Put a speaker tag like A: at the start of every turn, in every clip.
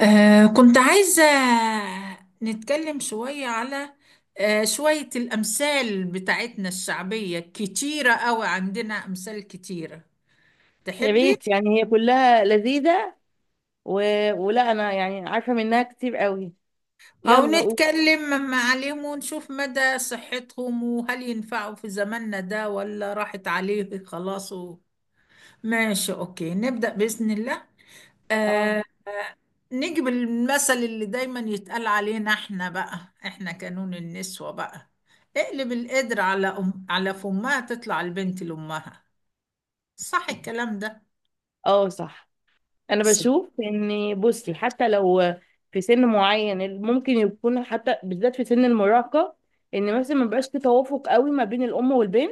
A: كنت عايزة نتكلم شوية على شوية الأمثال بتاعتنا الشعبية كتيرة أوي. عندنا أمثال كتيرة،
B: يا
A: تحبي؟
B: ريت، يعني هي كلها لذيذة. و... ولا انا يعني عارفة منها كتير قوي.
A: أو
B: يلا قول.
A: نتكلم عليهم ونشوف مدى صحتهم، وهل ينفعوا في زماننا ده ولا راحت عليه خلاص. ماشي، أوكي، نبدأ بإذن الله.
B: اه،
A: آه نجيب المثل اللي دايما يتقال علينا احنا، بقى احنا كانون النسوة بقى. اقلب القدر على فمها تطلع البنت لأمها. صح الكلام ده؟
B: اه، صح. انا
A: صح.
B: بشوف ان، بصي، حتى لو في سن معين ممكن يكون، حتى بالذات في سن المراهقة، ان مثلا ما بقاش في توافق قوي ما بين الام والبنت،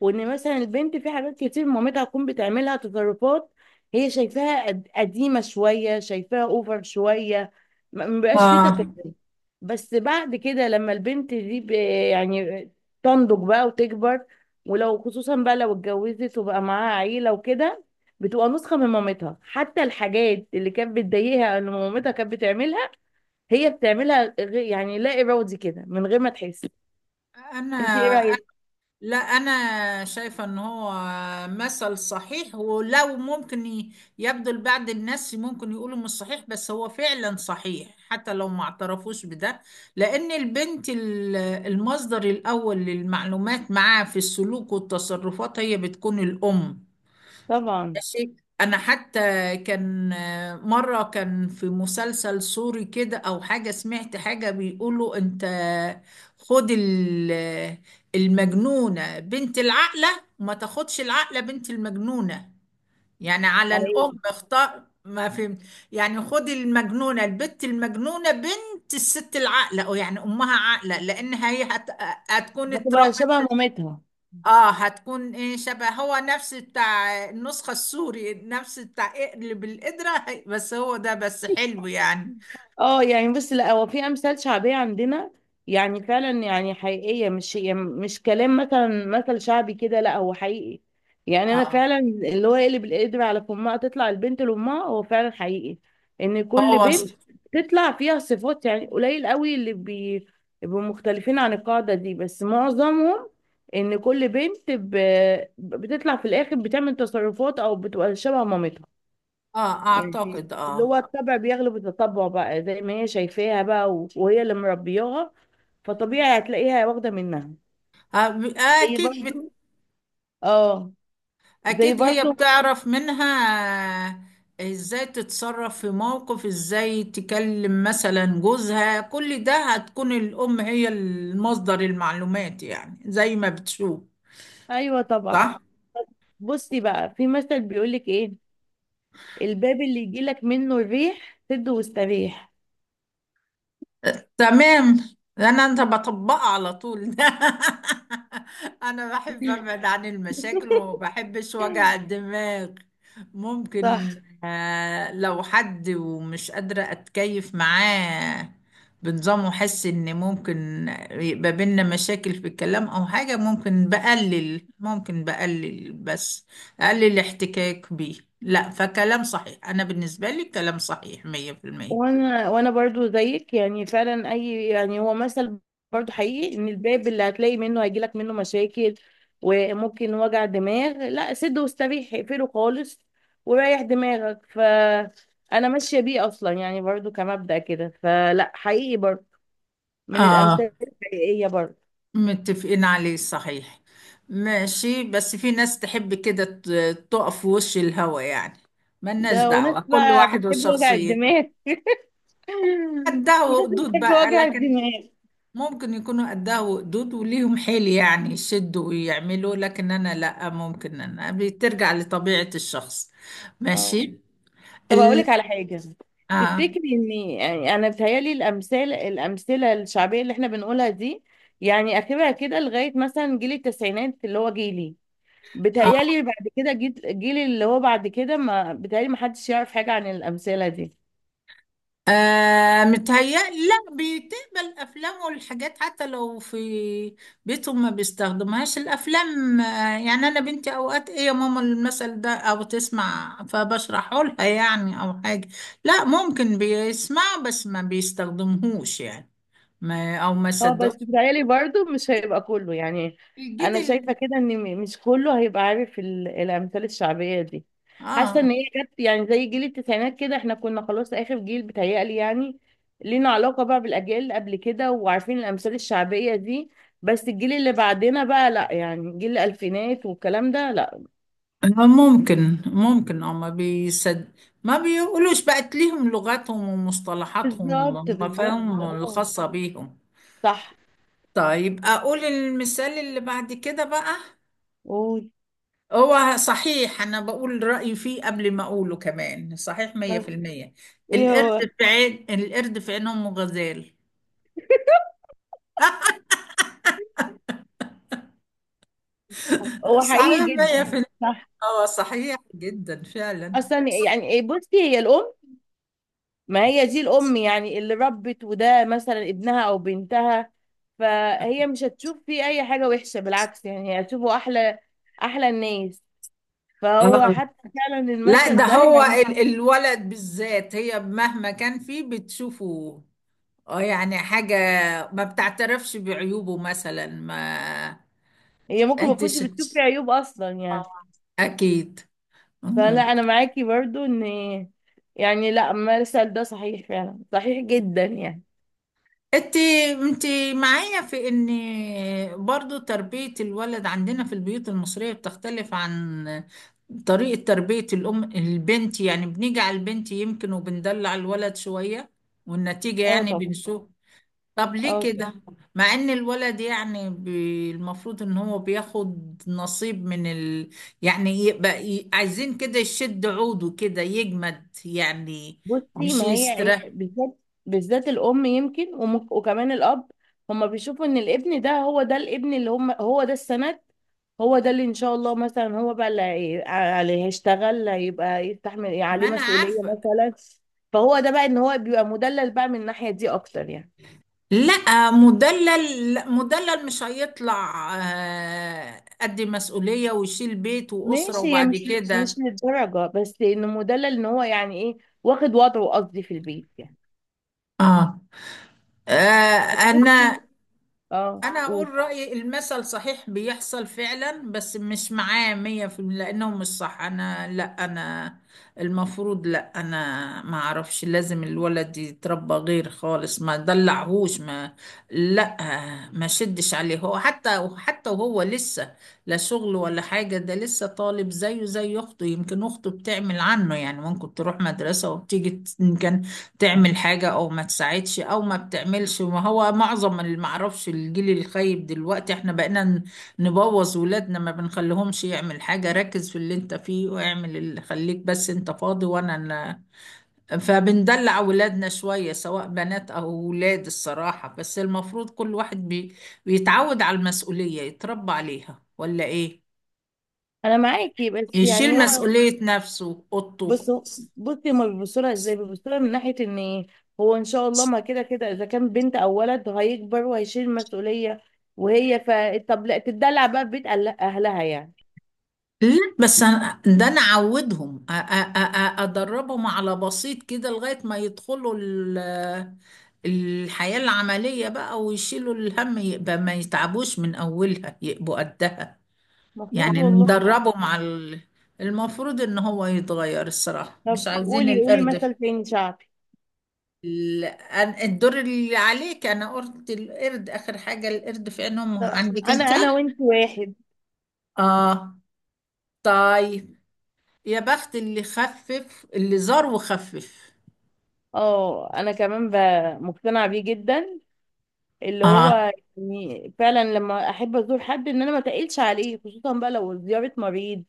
B: وان مثلا البنت في حاجات كتير مامتها تكون بتعملها تصرفات هي شايفاها قديمه شويه، شايفاها اوفر شويه، ما بيبقاش في
A: اه.
B: تفاهم. بس بعد كده لما البنت دي يعني تنضج بقى وتكبر، ولو خصوصا بقى لو اتجوزت وبقى معاها عيله وكده، بتبقى نسخه من مامتها. حتى الحاجات اللي كانت بتضايقها ان مامتها كانت بتعملها، هي بتعملها، يعني لا ارادي كده من غير ما تحس. انت ايه
A: انا
B: رايك؟
A: لا، أنا شايفة إن هو مثل صحيح، ولو ممكن يبدو لبعض الناس ممكن يقولوا مش صحيح، بس هو فعلا صحيح حتى لو ما اعترفوش بده. لأن البنت المصدر الأول للمعلومات معاه في السلوك والتصرفات هي بتكون الأم.
B: طبعا.
A: ماشي. انا حتى كان مره كان في مسلسل سوري كده او حاجه، سمعت حاجه بيقولوا: انت خد المجنونه بنت العاقله، وما تاخدش العاقله بنت المجنونه. يعني على الام،
B: أيوه.
A: اختار ما فهمت. يعني خد المجنونه، البت المجنونه بنت الست العاقله، او يعني امها عاقله لان هي هتكون
B: هتبقى
A: اتربت.
B: شبه مامتها.
A: اه، هتكون ايه شبه، هو نفس بتاع النسخة السوري، نفس بتاع اقلب القدرة، بس هو ده بس حلو يعني.
B: اه، يعني بس لا، هو في امثال شعبيه عندنا يعني فعلا يعني حقيقيه، مش يعني مش كلام مثلا مثل شعبي كده، لا هو حقيقي. يعني انا
A: اه.
B: فعلا اللي هو يقلب القدر على فمها تطلع البنت لامها، هو فعلا حقيقي. ان كل
A: هو
B: بنت تطلع فيها صفات، يعني قليل قوي اللي بيبقوا مختلفين عن القاعده دي، بس معظمهم، ان كل بنت بتطلع في الاخر بتعمل تصرفات او بتبقى شبه مامتها.
A: اه
B: يعني
A: اعتقد
B: اللي هو
A: اه
B: الطبع بيغلب التطبع بقى، زي ما هي شايفاها بقى، وهي اللي مربياها، فطبيعي هتلاقيها واخدة منها.
A: آه،
B: زي
A: اكيد بت...
B: برضو. اه. زي
A: اكيد هي
B: برضو.
A: بتعرف منها ازاي تتصرف في موقف، ازاي تكلم مثلا جوزها، كل ده هتكون الام هي المصدر المعلومات يعني زي ما بتشوف.
B: ايوه، طبعا.
A: صح،
B: بصي بقى، في مثل بيقولك ايه، الباب اللي يجيلك منه الريح سد واستريح.
A: تمام. انت بطبقها على طول. انا بحب ابعد عن المشاكل وما بحبش وجع الدماغ. ممكن.
B: صح.
A: لو حد ومش قادرة اتكيف معاه بنظام، واحس ان ممكن يبقى بينا مشاكل في الكلام او حاجة، ممكن بقلل، ممكن بقلل بس اقلل الاحتكاك بيه. لا، فكلام صحيح، انا بالنسبة لي كلام صحيح 100%.
B: وانا برضو زيك، يعني فعلا اي، يعني هو مثل برضو حقيقي، ان الباب اللي هتلاقي منه هيجيلك منه مشاكل وممكن وجع دماغ، لا سد واستريح اقفله خالص وريح دماغك. فانا ماشيه بيه اصلا، يعني برضو كمبدأ كده، فلا حقيقي برضو، من
A: اه،
B: الامثال الحقيقيه برضو.
A: متفقين عليه، صحيح. ماشي، بس في ناس تحب كده تقف في وش الهوا يعني. ملناش
B: ده وناس
A: دعوة، كل
B: بقى
A: واحد
B: بتحب وجع
A: وشخصيته
B: الدماغ
A: قدها
B: ناس
A: وقدود
B: بتحب
A: بقى،
B: وجع
A: لكن
B: الدماغ.
A: ممكن يكونوا قدها وقدود وليهم حيل يعني يشدوا ويعملوا، لكن أنا لأ، ممكن. أنا بترجع لطبيعة الشخص.
B: اه،
A: ماشي.
B: طب هقول
A: ال...
B: لك على حاجه.
A: آه.
B: تفتكري ان، يعني انا بتهيالي الامثله الشعبيه اللي احنا بنقولها دي، يعني اخرها كده لغايه مثلا جيل التسعينات اللي هو جيلي.
A: آه.
B: بتهيالي بعد كده جيل اللي هو بعد كده، ما بتهيالي ما حدش يعرف حاجه عن الامثله دي.
A: متهيألي لا، بتقبل أفلام والحاجات حتى لو في بيتهم ما بيستخدمهاش الأفلام. يعني أنا بنتي أوقات إيه يا ماما المثل ده أو تسمع فبشرحه لها، يعني، أو حاجة. لا، ممكن بيسمعه بس ما بيستخدمهوش يعني، ما
B: اه، بس
A: صدقوش.
B: بتهيألي برضو مش هيبقى كله يعني.
A: الجيل
B: انا شايفه
A: ال-
B: كده ان مش كله هيبقى عارف الامثال الشعبيه دي. حاسه
A: آه
B: ان هي جت يعني، زي جيل التسعينات كده، احنا كنا خلاص اخر جيل بتهيألي، يعني لينا علاقه بقى بالاجيال اللي قبل كده وعارفين الامثال الشعبيه دي. بس الجيل اللي بعدنا بقى لا، يعني جيل الالفينات والكلام ده لا.
A: آه، ممكن أو ما بيقولوش، بقت ليهم لغتهم ومصطلحاتهم
B: بالظبط، بالظبط،
A: ومفاهيمهم
B: اه.
A: الخاصة بيهم.
B: صح.
A: طيب، أقول المثال اللي بعد كده بقى.
B: قول.
A: هو صحيح، أنا بقول رأيي فيه قبل ما أقوله، كمان صحيح مية في
B: طب
A: المية
B: ايه
A: القرد
B: هو.
A: القرد في عين أم غزال.
B: هو
A: صحيح
B: حقيقي
A: مية في
B: جدا.
A: المية.
B: صح.
A: اه صحيح جدا فعلا.
B: اصلا يعني إيه، بصي هي الام، ما هي دي الأم يعني اللي ربت، وده مثلا ابنها أو بنتها، فهي مش هتشوف فيه أي حاجة وحشة. بالعكس، يعني هي هتشوفه أحلى، أحلى الناس. فهو
A: آه.
B: حتى فعلا
A: لا، ده
B: المثل ده
A: هو
B: يعني.
A: الولد بالذات، هي مهما كان فيه بتشوفه. اه يعني حاجة ما بتعترفش بعيوبه مثلا ما
B: هي ممكن ما
A: أنت
B: تكونش
A: ش-
B: بتشوف فيه عيوب أصلا يعني.
A: أكيد.
B: فلا، أنا معاكي برضو إن، يعني لا المثل ده صحيح، فعلا صحيح جدا يعني.
A: انت انت معايا في ان برضو تربية الولد عندنا في البيوت المصرية بتختلف عن طريقة تربية الام البنت، يعني بنيجي على البنت يمكن وبندلع الولد شوية، والنتيجة
B: اه،
A: يعني
B: طبعا.
A: بنشوف. طب ليه
B: اه،
A: كده؟ مع ان الولد يعني المفروض ان هو بياخد نصيب من يعني يبقى عايزين كده يشد عوده كده يجمد يعني،
B: بصي
A: مش
B: ما هي هي
A: يستريح.
B: بالذات، بالذات الام يمكن، وكمان الاب، هما بيشوفوا ان الابن ده، هو ده الابن اللي هم هو ده السند، هو ده اللي ان شاء الله مثلا هو بقى اللي اللي هيشتغل، هيبقى يستحمل عليه
A: ما انا
B: مسؤولية
A: عارفة.
B: مثلا. فهو ده بقى ان هو بيبقى مدلل بقى من الناحية دي اكتر يعني.
A: لا مدلل، لا، مدلل مش هيطلع، قد مسؤولية ويشيل بيت وأسرة
B: ماشي، هي
A: وبعد
B: مش مش
A: كده.
B: للدرجة، بس انه مدلل ان هو يعني ايه، واخد وضعه قصدي في البيت يعني.
A: اه. آه،
B: طب
A: انا
B: بصي. اه،
A: انا اقول
B: قولي.
A: رأيي، المثل صحيح بيحصل فعلا بس مش معاه 100% لانه مش صح. انا لا انا المفروض، لا انا ما اعرفش. لازم الولد يتربى غير خالص، ما دلعهوش، لا ما شدش عليه. هو حتى وهو لسه لا شغل ولا حاجة، ده لسه طالب زيه زي اخته، يمكن اخته بتعمل عنه يعني ممكن تروح مدرسة وبتيجي تعمل حاجة أو ما تساعدش أو ما بتعملش. ما هو معظم اللي معرفش الجيل الخايب دلوقتي احنا بقينا نبوظ ولادنا، ما بنخليهمش يعمل حاجة. ركز في اللي انت فيه واعمل اللي خليك، بس انت فاضي وانا فبندلع ولادنا شوية سواء بنات أو ولاد الصراحة، بس المفروض كل واحد بيتعود على المسؤولية يتربى عليها، ولا إيه؟
B: انا معاكي بس
A: يشيل
B: يعني
A: طبعا
B: هو،
A: مسؤولية نفسه، أوضته.
B: بصوا بصي هما بيبصوا لها ازاي، بيبصوا لها من ناحيه ان هو ان شاء الله ما كده كده اذا كان بنت او ولد هيكبر وهيشيل مسؤوليه. وهي ف طب لا تدلع بقى في بيت اهلها يعني.
A: لا، بس أنا ده انا اعودهم، ادربهم على بسيط كده لغايه ما يدخلوا الحياه العمليه بقى، ويشيلوا الهم، يبقى ما يتعبوش من اولها، يبقوا قدها.
B: المفروض
A: يعني
B: والله.
A: ندربهم على المفروض ان هو يتغير الصراحه، مش
B: طب
A: عايزين
B: قولي قولي
A: القرد.
B: مثل تاني شعبي.
A: الدور اللي عليك، انا قلت القرد اخر حاجه، القرد في عينهم
B: طب
A: عندك
B: انا
A: انت.
B: انا وانت واحد.
A: اه، طيب. يا بخت اللي خفف، اللي زار وخفف.
B: اه، انا كمان مقتنعه بيه جدا، اللي
A: اه.
B: هو يعني فعلا لما احب ازور حد ان انا ما تقلش عليه، خصوصا بقى لو زيارة مريض.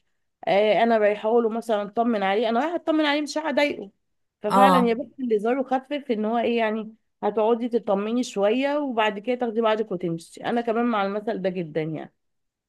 B: آه انا رايحه له مثلا اطمن عليه، انا رايحه اطمن عليه، مش رايحه اضايقه. ففعلا،
A: اه،
B: يا بنت اللي زاره خفف، ان هو ايه يعني، هتقعدي تطمني شويه وبعد كده تاخدي بعضك وتمشي. انا كمان مع المثل ده جدا يعني.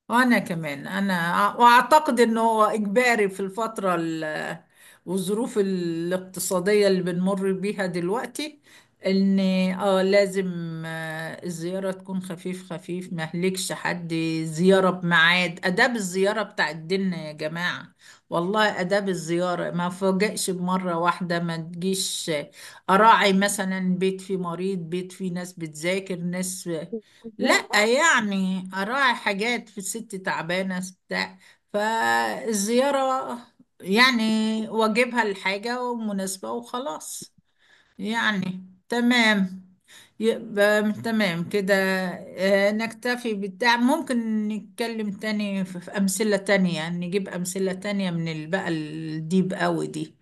A: وأنا كمان وأعتقد إنه هو إجباري في الفترة والظروف الاقتصادية اللي بنمر بيها دلوقتي، إن لازم الزيارة تكون خفيف خفيف، ما يهلكش حد. زيارة بميعاد، آداب الزيارة بتاع ديننا يا جماعة، والله. آداب الزيارة، ما فوجئش بمرة واحدة ما تجيش، أراعي مثلا بيت فيه مريض، بيت فيه ناس بتذاكر، ناس.
B: بالظبط.
A: لا يعني اراعي حاجات، في ست تعبانه بتاع. فالزياره يعني واجبها الحاجه ومناسبه وخلاص، يعني تمام. يبقى تمام كده. نكتفي ممكن نتكلم تاني في أمثلة تانية، نجيب أمثلة تانية من بقى الديب قوي دي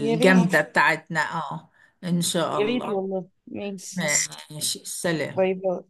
B: يا ريت،
A: خلاص بتاعتنا. اه، إن شاء
B: يا ريت،
A: الله.
B: والله ماشي.
A: خلاص. ماشي، سلام.
B: باي باي.